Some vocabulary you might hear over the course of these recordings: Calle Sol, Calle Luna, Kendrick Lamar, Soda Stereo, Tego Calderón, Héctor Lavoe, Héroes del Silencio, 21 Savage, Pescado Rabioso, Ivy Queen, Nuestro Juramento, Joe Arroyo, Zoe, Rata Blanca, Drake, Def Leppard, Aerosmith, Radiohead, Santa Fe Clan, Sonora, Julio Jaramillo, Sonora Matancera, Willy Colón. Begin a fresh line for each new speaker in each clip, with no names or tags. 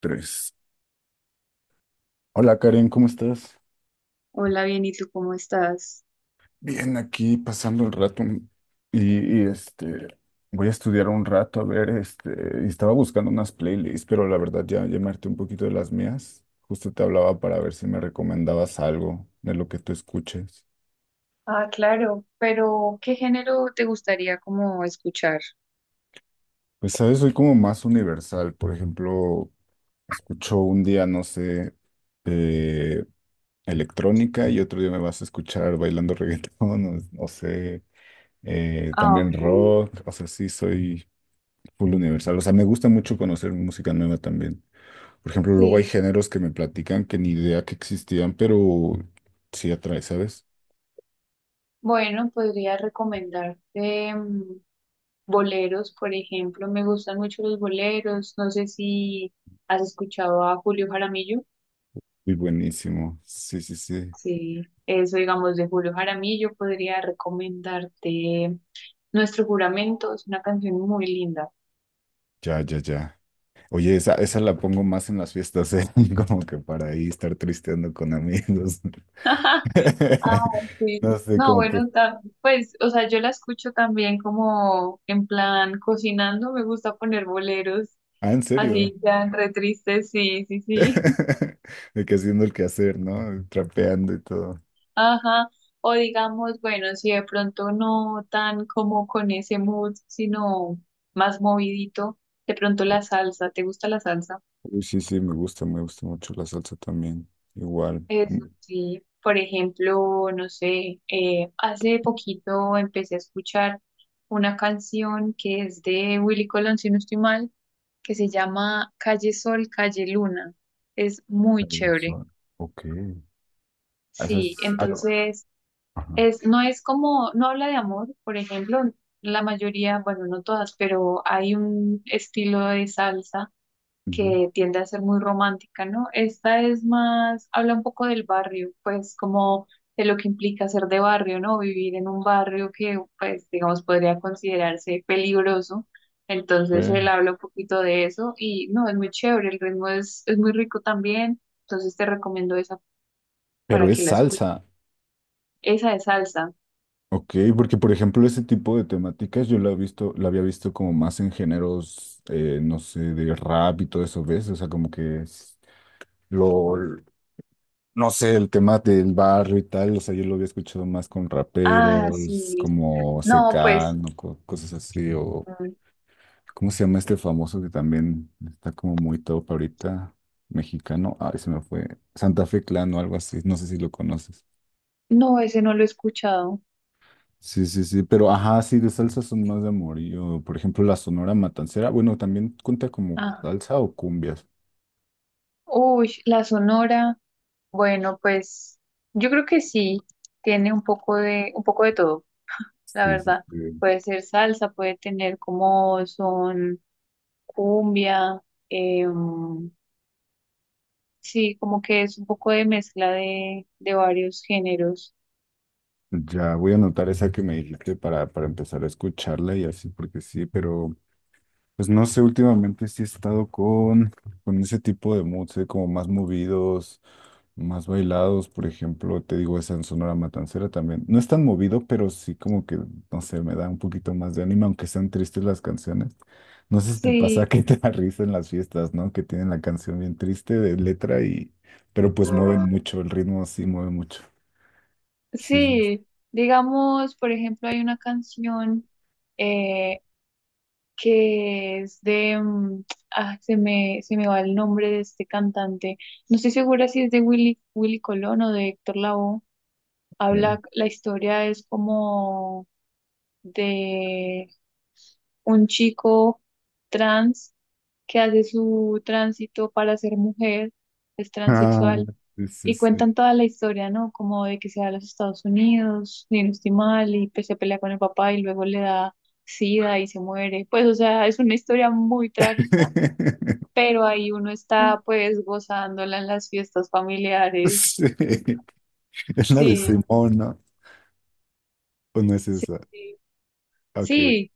Tres. Hola Karen, ¿cómo estás?
Hola, bien, ¿y tú cómo estás?
Bien, aquí pasando el rato y voy a estudiar un rato a ver, y estaba buscando unas playlists, pero la verdad ya me harté un poquito de las mías. Justo te hablaba para ver si me recomendabas algo de lo que tú escuches.
Ah, claro, pero ¿qué género te gustaría como escuchar?
Pues sabes, soy como más universal. Por ejemplo, escucho un día, no sé, eh, electrónica y otro día me vas a escuchar bailando reggaetón, no sé,
Ah, ok.
también rock, o sea, sí soy full universal. O sea, me gusta mucho conocer música nueva también. Por ejemplo, luego hay
Sí,
géneros que me platican que ni idea que existían, pero sí atrae, ¿sabes?
bueno, podría recomendarte boleros, por ejemplo. Me gustan mucho los boleros. No sé si has escuchado a Julio Jaramillo.
Muy buenísimo. Sí, sí, sí.
Sí. Eso, digamos, de Julio Jaramillo, podría recomendarte Nuestro Juramento. Es una canción muy linda.
Ya, ya, ya. Oye, esa la pongo más en las fiestas, ¿eh? Como que para ahí estar tristeando con amigos.
Ah, sí.
No sé,
No,
como que...
bueno, pues, o sea, yo la escucho también como en plan cocinando, me gusta poner boleros
Ah, ¿en serio?
así ya re tristes, sí, sí, sí.
De que haciendo el quehacer, ¿no? Trapeando y todo.
Ajá. O digamos, bueno, si de pronto no tan como con ese mood, sino más movidito, de pronto la salsa, ¿te gusta la salsa?
Uy, sí, sí, me gusta mucho la salsa también. Igual.
Eso sí, por ejemplo, no sé, hace poquito empecé a escuchar una canción que es de Willy Colón, si no estoy mal, que se llama Calle Sol, Calle Luna. Es muy chévere.
Sensual. Ok. Eso
Sí,
es algo.
entonces
Ajá.
es, no es como, no habla de amor, por ejemplo, la mayoría, bueno, no todas, pero hay un estilo de salsa
Ujú.
que tiende a ser muy romántica, ¿no? Esta es más, habla un poco del barrio, pues como de lo que implica ser de barrio, ¿no? Vivir en un barrio que, pues, digamos, podría considerarse peligroso. Entonces
Ve.
él habla un poquito de eso y no, es muy chévere, el ritmo es muy rico también, entonces te recomiendo esa
Pero
para
es
que la escuches.
salsa.
Esa es salsa.
Ok, porque por ejemplo ese tipo de temáticas yo la he visto, la había visto como más en géneros, no sé, de rap y todo eso, ¿ves? O sea, como que es lo, no sé, el tema del barrio y tal, o sea, yo lo había escuchado más con
Ah,
raperos,
sí.
como
No, pues,
Secano, cosas así. O
mm,
¿cómo se llama este famoso que también está como muy top ahorita? Mexicano. Ay, se me fue. Santa Fe Clan o algo así. No sé si lo conoces.
no, ese no lo he escuchado.
Sí, sí, sí. Pero ajá, sí, de salsa son más de amorío. Por ejemplo, la Sonora Matancera. Bueno, también cuenta como
Ah,
salsa o cumbias.
uy, la Sonora. Bueno, pues yo creo que sí, tiene un poco de todo, la
Sí, sí,
verdad.
sí.
Puede ser salsa, puede tener como son cumbia, eh, sí, como que es un poco de mezcla de varios géneros.
Ya voy a anotar esa que me dijiste para empezar a escucharla y así, porque sí, pero pues no sé, últimamente sí he estado con ese tipo de moods, ¿eh? Como más movidos, más bailados. Por ejemplo, te digo, esa en Sonora Matancera también. No es tan movido, pero sí como que, no sé, me da un poquito más de ánimo, aunque sean tristes las canciones. No sé si te pasa
Sí,
que te da risa en las fiestas, ¿no? Que tienen la canción bien triste de letra y... Pero pues mueven mucho, el ritmo sí mueve mucho. Sí, sí, sí.
sí, digamos, por ejemplo, hay una canción eh, que es de, ah, se me va el nombre de este cantante, no estoy segura si es de Willy, Willy Colón o de Héctor Lavoe.
Ok.
Habla, la historia es como de un chico trans que hace su tránsito para ser mujer, es
Ah,
transexual,
sí, sí,
y
sí.
cuentan toda la historia, ¿no? Como de que se va a los Estados Unidos, ni no estoy mal, y pues se pelea con el papá y luego le da sida y se muere. Pues, o sea, es una historia muy trágica, pero ahí uno está pues gozándola en las fiestas familiares.
Sí, es la
Sí,
de Simón, ¿no? ¿O no es
sí,
esa? Ok,
sí,
ok,
sí,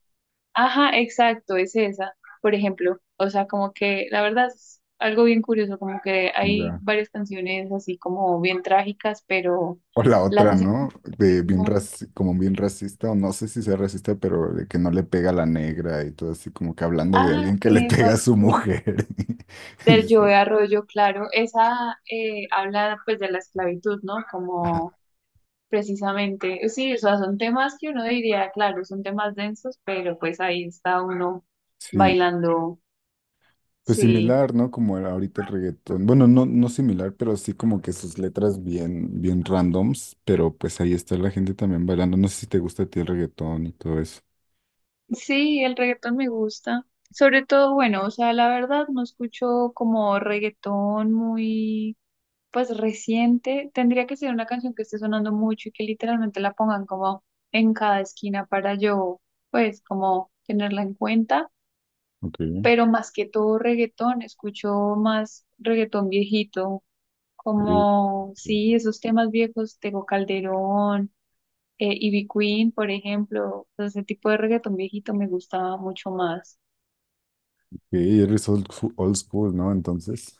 ajá, exacto, es esa, por ejemplo. O sea, como que la verdad es algo bien curioso, como que hay
ya.
varias canciones así como bien trágicas, pero
O la
las
otra,
hacen
¿no?
con
De bien
ritmos-
como bien racista, o no sé si sea racista, pero de que no le pega a la negra y todo así, como que hablando de
ah,
alguien que le pega a su
sí,
mujer. Y
del
sí,
Joe Arroyo, claro. Esa habla pues de la esclavitud, ¿no?
ajá,
Como precisamente, sí, o sea, son temas que uno diría, claro, son temas densos, pero pues ahí está uno
sí,
bailando,
pues
sí.
similar, ¿no? Como era ahorita el reggaetón. Bueno, no, no similar, pero sí como que sus letras bien, bien randoms, pero pues ahí está la gente también bailando. No sé si te gusta a ti el reggaetón y todo eso.
Sí, el reggaetón me gusta. Sobre todo, bueno, o sea, la verdad no escucho como reggaetón pues reciente. Tendría que ser una canción que esté sonando mucho y que literalmente la pongan como en cada esquina para yo, pues, como tenerla en cuenta.
Ok.
Pero más que todo reggaetón, escucho más reggaetón viejito,
Uh,
como, sí, esos temas viejos, Tego Calderón, Ivy Queen, por ejemplo. Entonces, ese tipo de reggaetón viejito me gusta mucho más.
sí, eres old, old school, ¿no? Entonces.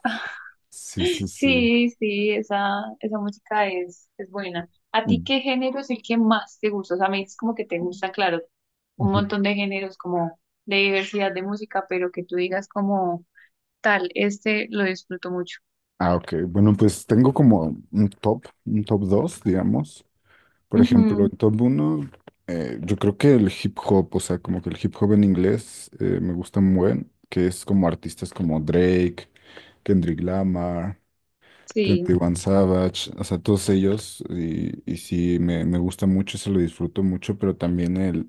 Sí, sí, sí.
Sí, sí, esa música es buena. ¿A ti
Mm.
qué género es el que más te gusta? O sea, me dices como que te gusta, claro, un montón de géneros como de diversidad de música, pero que tú digas como tal, este lo disfruto mucho.
Ah, ok. Bueno, pues tengo como un top 2, digamos. Por ejemplo,
Ujú,
el top 1, yo creo que el hip hop, o sea, como que el hip hop en inglés, me gusta muy buen, que es como artistas como Drake, Kendrick Lamar,
sí,
21 Savage, o sea, todos ellos, y sí, me gusta mucho, se lo disfruto mucho, pero también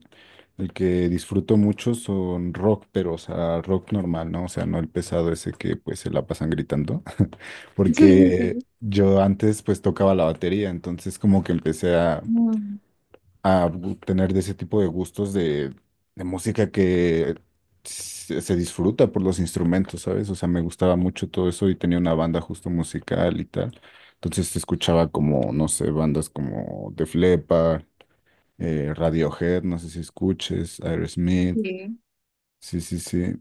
el que disfruto mucho son rock, pero, o sea, rock normal, ¿no? O sea, no el pesado ese que, pues, se la pasan gritando,
sí, sí,
porque
sí.
yo antes, pues, tocaba la batería, entonces como que empecé a,
Mm,
a gu- tener de ese tipo de gustos de, música que se disfruta por los instrumentos, ¿sabes? O sea, me gustaba mucho todo eso y tenía una banda justo musical y tal. Entonces escuchaba como, no sé, bandas como Def Leppard, Radiohead, no sé si escuches, Aerosmith,
sí.
sí, sí, sí.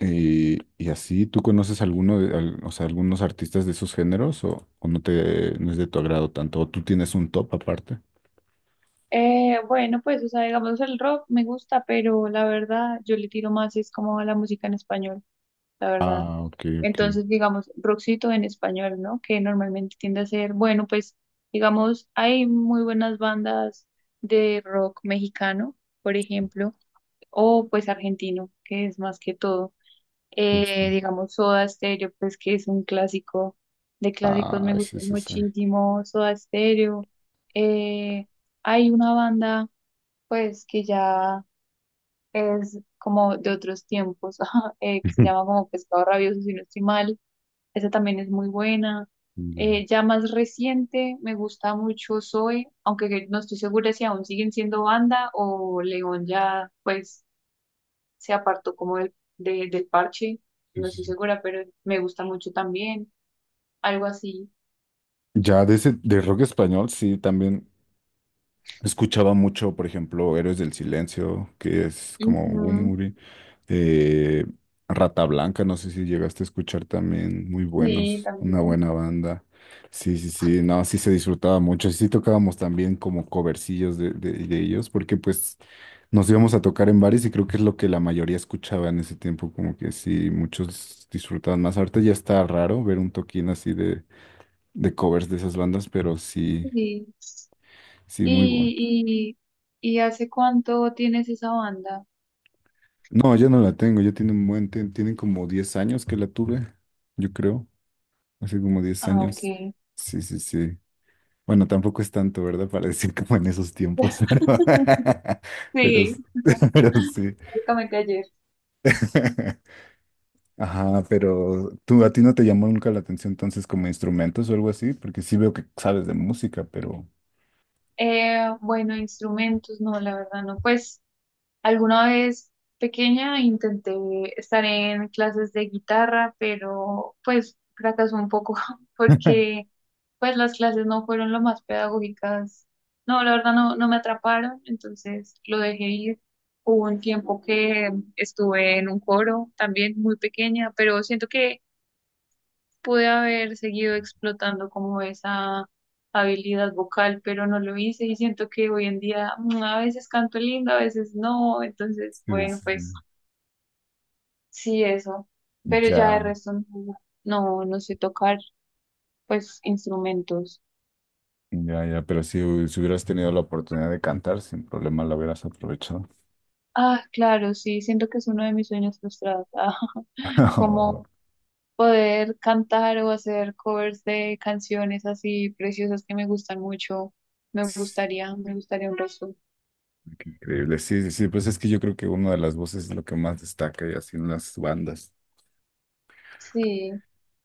Y así, ¿tú conoces alguno de, o sea, algunos artistas de esos géneros o no es de tu agrado tanto? ¿O tú tienes un top aparte?
Bueno, pues, o sea, digamos, el rock me gusta, pero la verdad, yo le tiro más, es como a la música en español, la verdad.
Ah, ok, ok.
Entonces, digamos, rockcito en español, ¿no? Que normalmente tiende a ser, bueno, pues, digamos, hay muy buenas bandas de rock mexicano, por ejemplo, o pues argentino, que es más que todo.
Justo.
Digamos, Soda Stereo, pues que es un clásico de clásicos,
Ah,
me
sí,
gusta
sí, sí.
muchísimo Soda Stereo. Eh, hay una banda, pues, que ya es como de otros tiempos, que se llama como Pescado Rabioso, si no estoy mal esa también es muy buena.
Ya,
Ya más reciente, me gusta mucho Zoe, aunque que no estoy segura si aún siguen siendo banda o León ya pues se apartó como del, del parche,
sí,
no
sí,
estoy
sí.
segura, pero me gusta mucho también, algo así.
Ya de ese, de rock español, sí, también escuchaba mucho, por ejemplo, Héroes del Silencio, que es como
Ujú,
un. Eh, Rata Blanca, no sé si llegaste a escuchar también, muy
sí,
buenos, una
también.
buena banda. Sí, sí, sí, no, sí se disfrutaba mucho, sí tocábamos también como covercillos de ellos, porque pues nos íbamos a tocar en bares y creo que es lo que la mayoría escuchaba en ese tiempo, como que sí, muchos disfrutaban más. Ahorita ya está raro ver un toquín así de covers de esas bandas, pero sí,
Sí.
sí, muy bueno.
¿Y, y hace cuánto tienes esa banda?
No, ya no la tengo, ya tiene un buen, tienen como 10 años que la tuve, yo creo. Hace como diez
Ah, ok.
años. Sí, sí, sí. Bueno, tampoco es tanto, ¿verdad? Para decir como en esos tiempos, pero,
Sí,
pero sí.
básicamente ayer.
Ajá, pero tú, a ti no te llamó nunca la atención entonces como instrumentos o algo así, porque sí veo que sabes de música, pero
Bueno, instrumentos, no, la verdad no. Pues alguna vez pequeña intenté estar en clases de guitarra, pero pues fracasó un poco porque pues las clases no fueron lo más pedagógicas. No, la verdad no, no me atraparon, entonces lo dejé ir. Hubo un tiempo que estuve en un coro también muy pequeña, pero siento que pude haber seguido explotando como esa habilidad vocal, pero no lo hice y siento que hoy en día a veces canto lindo, a veces no, entonces
sí,
bueno,
sí, sí.
pues sí, eso, pero ya de
Ya,
resto no, no, no sé tocar pues instrumentos.
ya, ya, pero si hubieras tenido la oportunidad de cantar, sin problema la hubieras aprovechado.
Ah, claro, sí, siento que es uno de mis sueños frustrados, ah,
Oh,
como poder cantar o hacer covers de canciones así preciosas que me gustan mucho,
sí,
me gustaría un resto.
increíble, sí, sí, sí, pues es que yo creo que una de las voces es lo que más destaca y así en las bandas.
Sí.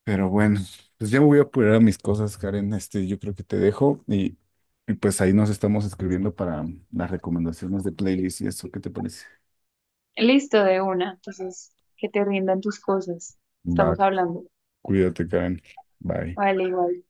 Pero bueno, pues ya me voy a apurar a mis cosas, Karen. Yo creo que te dejo y pues ahí nos estamos escribiendo para las recomendaciones de playlist y eso. ¿Qué te parece?
Listo, de una. Entonces, que te rindan tus cosas.
Va,
Estamos hablando.
cuídate, Karen. Bye.
Vale, igual.